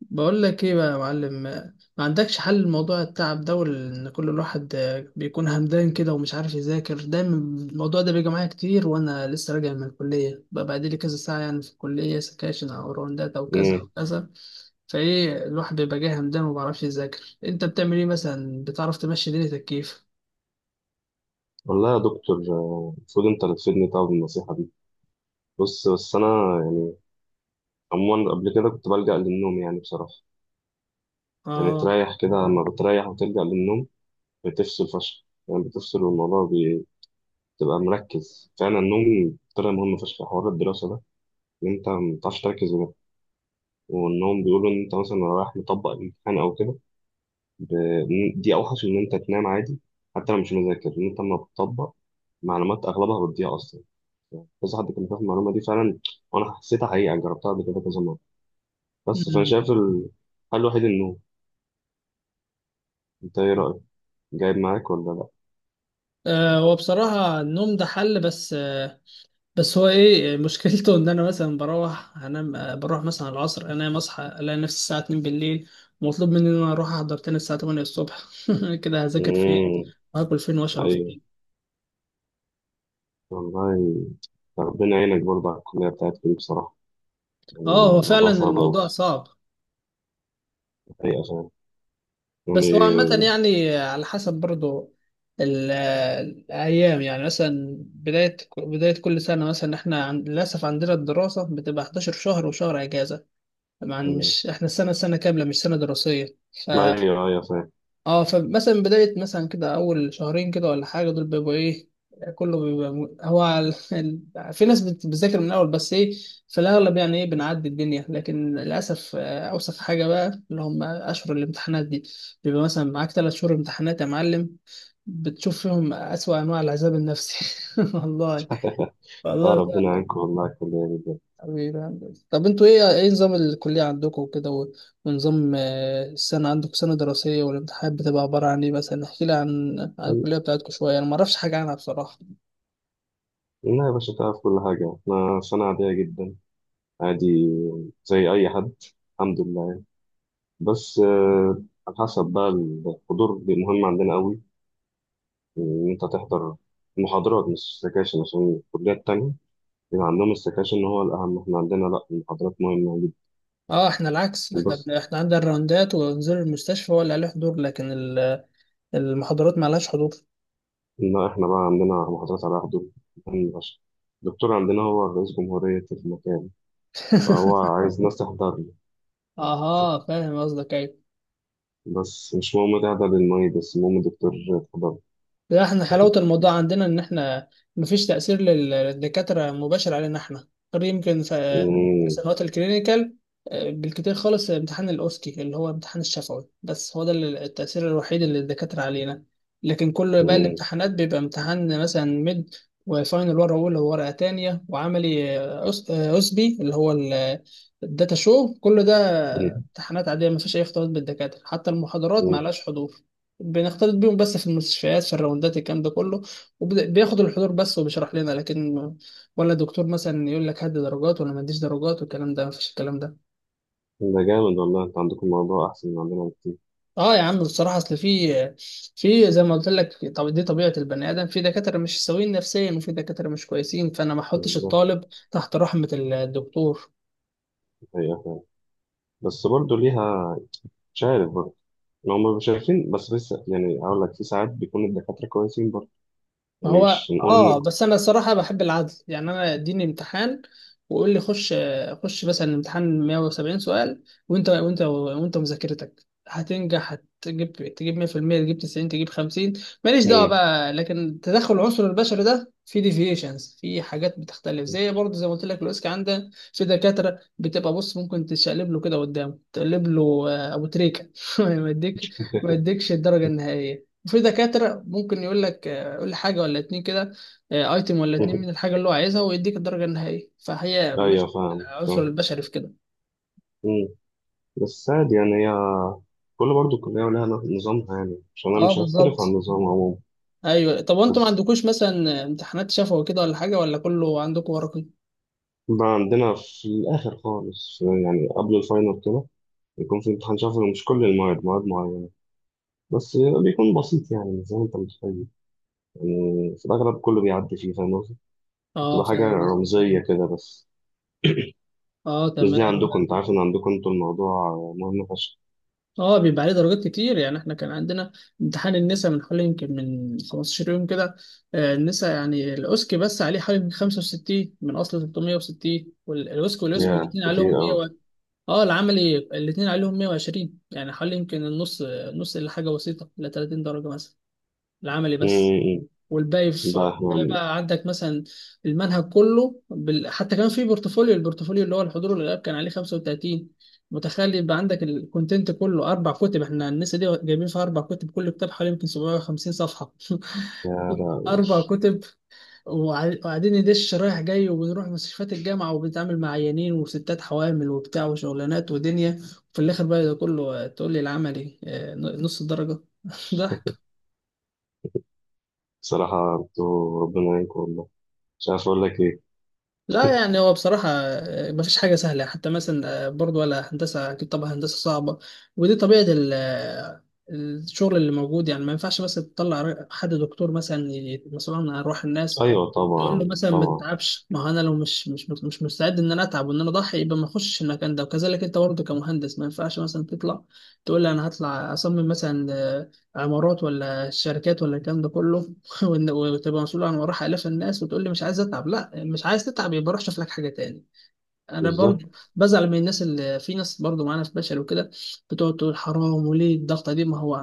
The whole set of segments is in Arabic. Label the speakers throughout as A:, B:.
A: بقول لك ايه بقى يا معلم، ما عندكش حل لموضوع التعب ده وان كل الواحد بيكون همدان كده ومش عارف يذاكر؟ دايما الموضوع ده بيجي معايا كتير وانا لسه راجع من الكليه بقى بعد لي كذا ساعه، يعني في الكليه سكاشن او راوندات او كذا او
B: امم
A: كذا. فايه، الواحد بيبقى جاي همدان وما بيعرفش يذاكر. انت بتعمل ايه مثلا، بتعرف تمشي دنيتك كيف؟
B: والله يا دكتور، المفروض انت اللي تفيدني طبعا بالنصيحه دي. بص، بس انا، يعني، عموما قبل كده كنت بلجأ للنوم، يعني بصراحه. يعني
A: اه.
B: تريح كده لما بتريح وتلجأ للنوم بتفصل فشخ، يعني بتفصل، والموضوع بتبقى مركز فعلا. النوم طلع مهم فشخ في حوار الدراسه ده، ان انت ما بتعرفش تركز بجد. والنوم بيقولوا ان انت مثلا لو رايح مطبق الامتحان او كده، دي اوحش من ان انت تنام عادي حتى لو مش مذاكر. ان انت لما بتطبق معلومات اغلبها بتضيع اصلا، كذا حد كان بياخد المعلومه دي فعلا، وانا حسيتها حقيقه، يعني جربتها قبل كده كذا مره. بس فانا
A: أمم.
B: شايف الحل الوحيد النوم. انت ايه رايك؟ جايب معاك ولا لا؟
A: آه، هو بصراحة النوم ده حل، بس بس هو ايه مشكلته ان انا مثلا بروح انام، بروح مثلا على العصر انام، اصحى الاقي نفسي الساعه 2 بالليل ومطلوب مني ان انا اروح احضر تاني الساعه 8 الصبح. كده هذاكر فين
B: امم
A: وهاكل فين واشرب
B: ايوه،
A: فين؟
B: والله ربنا يعينك برضه على الكليه بتاعتك دي بصراحه. يعني
A: اه هو فعلا
B: الموضوع صعب قوي،
A: الموضوع صعب.
B: حقيقه فعلا،
A: بس هو عامه
B: يعني.
A: يعني على حسب برضو ال- الايام، يعني مثلا بدايه كل سنه مثلا احنا للاسف عندنا الدراسه بتبقى 11 شهر وشهر اجازه. طبعا
B: آه،
A: مش احنا السنه سنه كامله مش سنه دراسيه.
B: ما ايوه ايوه فاهم.
A: اه فمثلا بداية مثلا كده أول شهرين كده ولا حاجة دول بيبقوا إيه، كله بيبقى في ناس بتذاكر من الأول، بس إيه في الأغلب يعني إيه بنعدي الدنيا، لكن للأسف أوسخ حاجة بقى اللي هم أشهر الامتحانات دي، بيبقى مثلا معاك تلات شهور امتحانات يا معلم، بتشوف فيهم أسوأ أنواع العذاب النفسي. والله.
B: اه،
A: والله.
B: ربنا يعينكم والله على الكليه دي بجد.
A: حبيبي يا هندسة. طب انتوا ايه نظام الكلية عندكم وكده ونظام، السنة عندكم سنة دراسية والامتحانات بتبقى عبارة عن ايه؟ مثلا احكي لي عن الكلية بتاعتكم شوية، انا ما اعرفش حاجة عنها بصراحة.
B: لا يا باشا، تعرف كل حاجه، انا سنه عاديه جدا. عادي زي اي حد، الحمد لله. بس، على حسب بقى. الحضور مهم عندنا قوي، إن أنت تحضر محاضرات مش سكاشن، عشان الكليات التانية بيبقى عندهم السكاشن هو الأهم، إحنا عندنا لأ، المحاضرات مهمة جدا.
A: اه احنا العكس،
B: بس
A: احنا عندنا الراوندات ونزور المستشفى ولا عليه حضور، لكن المحاضرات ما لهاش حضور.
B: إن إحنا بقى عندنا محاضرات على حضور مهم فشخ. الدكتور عندنا هو رئيس جمهورية المكان، فهو عايز ناس تحضر له.
A: اها فاهم قصدك، ايوه.
B: بس مش مهم تحضر المعيد، بس المهم الدكتور تحضر.
A: لا احنا حلاوة الموضوع عندنا ان احنا مفيش تأثير للدكاترة مباشر علينا احنا، غير يمكن في
B: مم،
A: سنوات الكلينيكال، بالكتير خالص امتحان الاوسكي اللي هو امتحان الشفوي، بس هو ده التأثير الوحيد اللي الدكاترة علينا. لكن كل باقي
B: مم،
A: الامتحانات بيبقى امتحان مثلا ميد وفاينل، ورقة أولى وورقة تانية، وعملي أسبي اللي هو الداتا شو، كل ده
B: مم،
A: امتحانات عادية مفيش أي اختلاط بالدكاترة، حتى المحاضرات
B: مم.
A: معلهاش حضور. بنختلط بيهم بس في المستشفيات في الراوندات الكلام ده كله، وبياخد الحضور بس وبيشرح لنا، لكن ولا دكتور مثلا يقول لك هات درجات ولا ما اديش درجات، والكلام ده مفيش الكلام ده.
B: ده جامد والله، أنت عندكم الموضوع أحسن من عندنا بكتير.
A: اه يا عم بصراحه اصل في زي ما قلت لك، طب دي طبيعه البني ادم، في دكاتره مش سويين نفسيا وفي دكاتره مش كويسين، فانا ما احطش
B: بالظبط،
A: الطالب تحت رحمه الدكتور.
B: هي فعلا، بس برضه ليها، مش عارف برضه، لو ما شايفين بس يعني أقول لك في ساعات بيكون الدكاترة كويسين برضه.
A: ما
B: يعني
A: هو
B: مش نقول
A: اه،
B: إن،
A: بس انا الصراحه بحب العدل، يعني انا اديني امتحان وقول لي خش، خش مثلا الامتحان 170 سؤال وانت مذاكرتك هتنجح، تجيب 100%، تجيب 90، تجيب 50، ماليش دعوه
B: مم.
A: بقى، لكن تدخل العنصر البشري ده في ديفيشنز، في حاجات بتختلف زي برضه زي ما قلت لك الاوسكا، عنده في دكاتره بتبقى بص ممكن تشقلب له كده قدامه تقلب له، ابو تريكه ما يديك ما يديكش الدرجه النهائيه. وفي دكاترة ممكن يقول لك قول لي حاجة ولا اتنين كده، ايتم ولا اتنين من الحاجة اللي هو عايزها ويديك الدرجة النهائية، فهي
B: أيوه،
A: مش
B: فاهم
A: العنصر
B: فاهم.
A: البشري في كده.
B: مم. بس عادي يعني، هي كل برضه كلية ولها نظامها، يعني عشان أنا
A: اه
B: مش هختلف عن
A: بالظبط.
B: النظام عموما.
A: ايوه طب وانتوا ما
B: بس
A: عندكوش مثلا امتحانات شفوي كده ولا حاجة، ولا كله عندكم ورقي؟
B: بقى عندنا في الآخر خالص، يعني قبل الفاينل كده بيكون في امتحان شفوي، مش كل المواد، مواد معينة بس، بيكون بسيط يعني مش زي ما أنت متخيل. يعني في الأغلب كله بيعدي فيه، فاهم.
A: اه
B: بتبقى حاجة
A: فاهم قصدك.
B: رمزية كده بس،
A: اه
B: مش زي
A: تمام.
B: عندكم، أنت عارف إن عندكم أنتوا الموضوع مهم فشخ.
A: اه بيبقى عليه درجات كتير، يعني احنا كان عندنا امتحان النساء من حوالي يمكن من 15 يوم كده، النساء يعني الاوسكي بس عليه حوالي من 65 من اصل 360، والأوسكي واليوسب
B: يا
A: الاثنين عليهم
B: كتير أوي.
A: مية. اه العملي الاثنين عليهم 120، يعني حوالي يمكن النص، نص الا حاجه بسيطه ل 30 درجه مثلا العملي بس.
B: أمم،
A: والباقي في
B: لا إحنا
A: والباقي بقى عندك مثلا المنهج كله حتى كان في البورتفوليو اللي هو الحضور والغياب كان عليه 35. متخيل يبقى عندك الكونتنت كله اربع كتب، احنا الناس دي جايبين فيها اربع كتب، كل كتاب حوالي يمكن 750 صفحه.
B: يا لا.
A: اربع كتب. وقاعدين ندش رايح جاي، وبنروح مستشفيات الجامعة وبنتعامل مع عيانين وستات حوامل وبتاع وشغلانات ودنيا، وفي الآخر بقى ده كله، تقول لي العملي نص الدرجة. ضحك.
B: بصراحة أنتوا ربنا يعينكم والله، مش عارف أقول لك إيه.
A: لا يعني هو بصراحة مفيش حاجة سهلة، حتى مثلا برضو ولا هندسة أكيد طبعا هندسة صعبة، ودي طبيعة الشغل اللي موجود، يعني ما ينفعش مثلا تطلع حد دكتور مثلا مسؤول عن أرواح الناس،
B: أيوة
A: تقول له
B: طبعا
A: مثلا ما
B: طبعا.
A: تتعبش، ما هو أنا لو مش مستعد إن أنا أتعب وإن أنا أضحي يبقى ما أخشش المكان ده. وكذلك أنت برضه كمهندس ما ينفعش مثلا تطلع تقول لي أنا هطلع أصمم مثلا عمارات ولا شركات ولا الكلام ده كله، وتبقى مسؤول عن وراح آلاف الناس وتقول لي مش عايز أتعب، لا مش عايز تتعب يبقى روح شوف لك حاجة تاني. انا
B: بالظبط.
A: برضو بزعل من الناس اللي، في ناس برضو معانا في بشر وكده، بتقعد تقول حرام وليه الضغطه دي، ما هو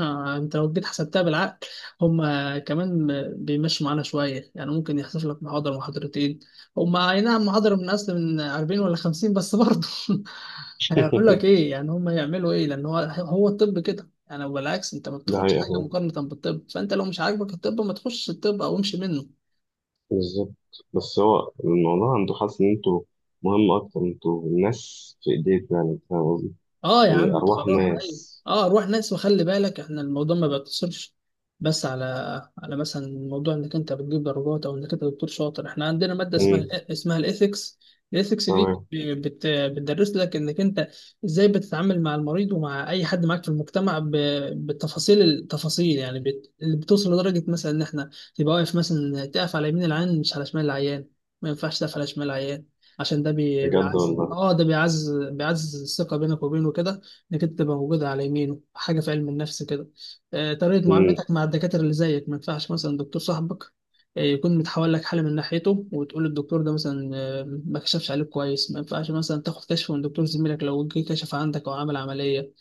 A: انت لو جيت حسبتها بالعقل، هم كمان بيمشوا معانا شويه، يعني ممكن يحصل لك محاضره محاضرتين، هم اي نعم محاضره من اصل من 40 ولا 50 بس برضو. هيقول لك ايه يعني هم يعملوا ايه؟ لان هو الطب كده يعني، بالعكس انت ما
B: ده
A: بتاخدش
B: حقيقة
A: حاجه
B: فعلا.
A: مقارنه بالطب، فانت لو مش عاجبك الطب ما تخش الطب او امشي منه.
B: بالظبط. بس هو الموضوع عنده، حاسس إن أنتوا مهم أكتر، أنتوا الناس في إيديكم، يعني فاهم قصدي؟
A: اه يا
B: يعني
A: عم
B: أرواح
A: بصراحة ايوه.
B: ناس.
A: اه روح ناس، وخلي بالك احنا الموضوع ما بيقتصرش بس على مثلا موضوع انك انت بتجيب درجات، او انك انت دكتور شاطر. احنا عندنا مادة اسمها
B: أمم،
A: اسمها الايثكس. الايثكس دي
B: تمام.
A: بتدرس لك انك انت ازاي بتتعامل مع المريض ومع اي حد معاك في المجتمع بالتفاصيل، يعني اللي بتوصل لدرجة مثلا ان احنا تبقى واقف، مثلا تقف على يمين العيان مش على شمال العيان، ما ينفعش تقف على شمال العيان، عشان ده بي-
B: بجد
A: بيعزز
B: والله.
A: اه ده بيعزز بيعزز الثقة بينك وبينه كده، انك انت تبقى موجود على يمينه، حاجة في علم النفس كده. طريقة
B: أمم،
A: معاملتك مع الدكاترة اللي زيك، ما ينفعش مثلا دكتور صاحبك يكون متحول لك حالة من ناحيته وتقول الدكتور ده مثلا ما كشفش عليك كويس، ما ينفعش مثلا تاخد كشف من دكتور زميلك لو جه كشف عندك او عمل عملية،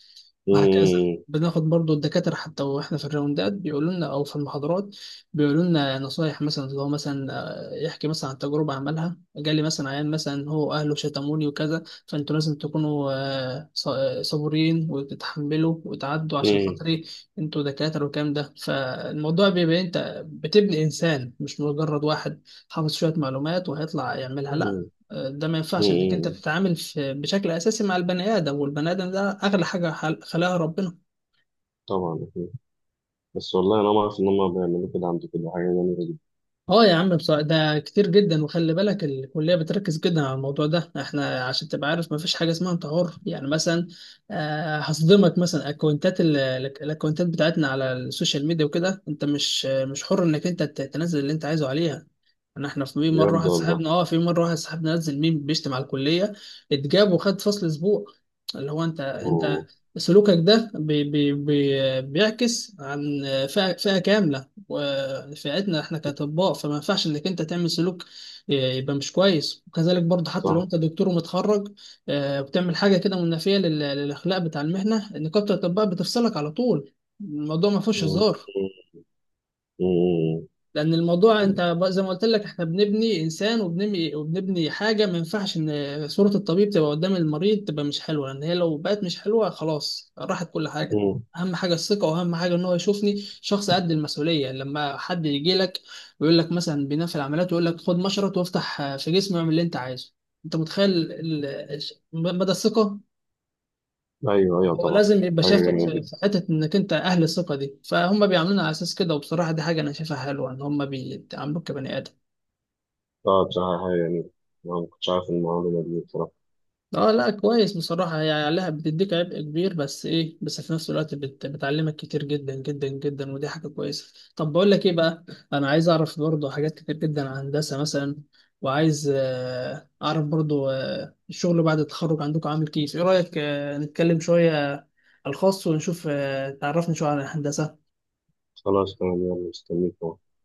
A: وهكذا.
B: أمم،
A: بناخد برضو الدكاترة، حتى واحنا في الراوندات بيقولوا لنا او في المحاضرات بيقولوا لنا نصايح، مثلا اللي هو مثلا يحكي مثلا عن تجربة عملها، جالي مثلا عيان مثلا هو اهله شتموني وكذا، فانتوا لازم تكونوا صبورين وتتحملوا وتعدوا عشان
B: أمم،
A: خاطري، انتوا دكاترة، والكلام ده. فالموضوع بيبقى إيه؟ انت بتبني انسان، مش مجرد واحد حافظ شوية معلومات وهيطلع يعملها، لا.
B: أمم.
A: ده ما ينفعش، انك انت
B: امم
A: بتتعامل في بشكل اساسي مع البني ادم، والبني ادم ده اغلى حاجه خلقها ربنا.
B: طبعا أكيد. بس والله انا ما اعرف ان هم بيعملوا كده، عندي كده حاجه جميله.
A: اه يا عم بصراحة ده كتير جدا، وخلي بالك الكلية بتركز جدا على الموضوع ده احنا، عشان تبقى عارف ما فيش حاجة اسمها انت حر، يعني مثلا هصدمك مثلا اكونتات الاكونتات بتاعتنا على السوشيال ميديا وكده، انت مش حر انك انت تنزل اللي انت عايزه عليها. انا احنا في مرة
B: بجد
A: واحد
B: والله.
A: صاحبنا اه في مرة واحد صاحبنا نزل ميم بيشتم على الكلية، اتجاب وخد فصل اسبوع، اللي هو انت
B: أوه.
A: سلوكك ده بي بي بي بيعكس عن فئة كاملة، ونفعتنا احنا كاطباء، فما ينفعش انك انت تعمل سلوك يبقى مش كويس. وكذلك برضه حتى لو
B: صح.
A: انت دكتور ومتخرج بتعمل حاجه كده منافيه للاخلاق بتاع المهنه، نقابه الاطباء بتفصلك على طول، الموضوع ما فيهوش
B: مم.
A: هزار.
B: مم.
A: لان الموضوع انت زي ما قلت لك احنا بنبني انسان، وبنبني وبنبني حاجه، ما ينفعش ان صوره الطبيب تبقى قدام المريض تبقى مش حلوه، لان هي لو بقت مش حلوه خلاص راحت كل حاجه.
B: مم.
A: اهم حاجه الثقه، واهم حاجه ان هو يشوفني شخص قد المسؤوليه، لما حد يجي لك ويقول لك مثلا بناء في العمليات ويقول لك خد مشرط وافتح في جسمي واعمل اللي انت عايزه، انت متخيل مدى الثقه؟
B: ايوه ايوه
A: هو
B: طبعا.
A: لازم يبقى
B: حاجه
A: شافك
B: جميله
A: في
B: جدا.
A: في حتة إنك أنت أهل الثقة دي، فهم بيعاملونا على أساس كده، وبصراحة دي حاجة أنا شايفها حلوة إن هم بيعاملوك كبني آدم.
B: اه بصراحه حاجه جميله. أنا ما كنتش عارف المعلومه دي بصراحه.
A: اه لا كويس بصراحة، هي عليها بتديك عبء كبير بس ايه، بس في نفس الوقت بتعلمك كتير جدا جدا جدا، ودي حاجة كويسة. طب بقول لك ايه بقى، انا عايز اعرف برضو حاجات كتير جدا عن هندسة مثلا، وعايز اعرف برضو الشغل بعد التخرج عندكم عامل كيف، ايه رأيك نتكلم شوية على الخاص ونشوف، تعرفني شوية عن الهندسة.
B: خلاص تمام، يلا مستنيك.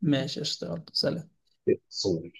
A: ماشي، اشتغل، سلام.
B: أهو.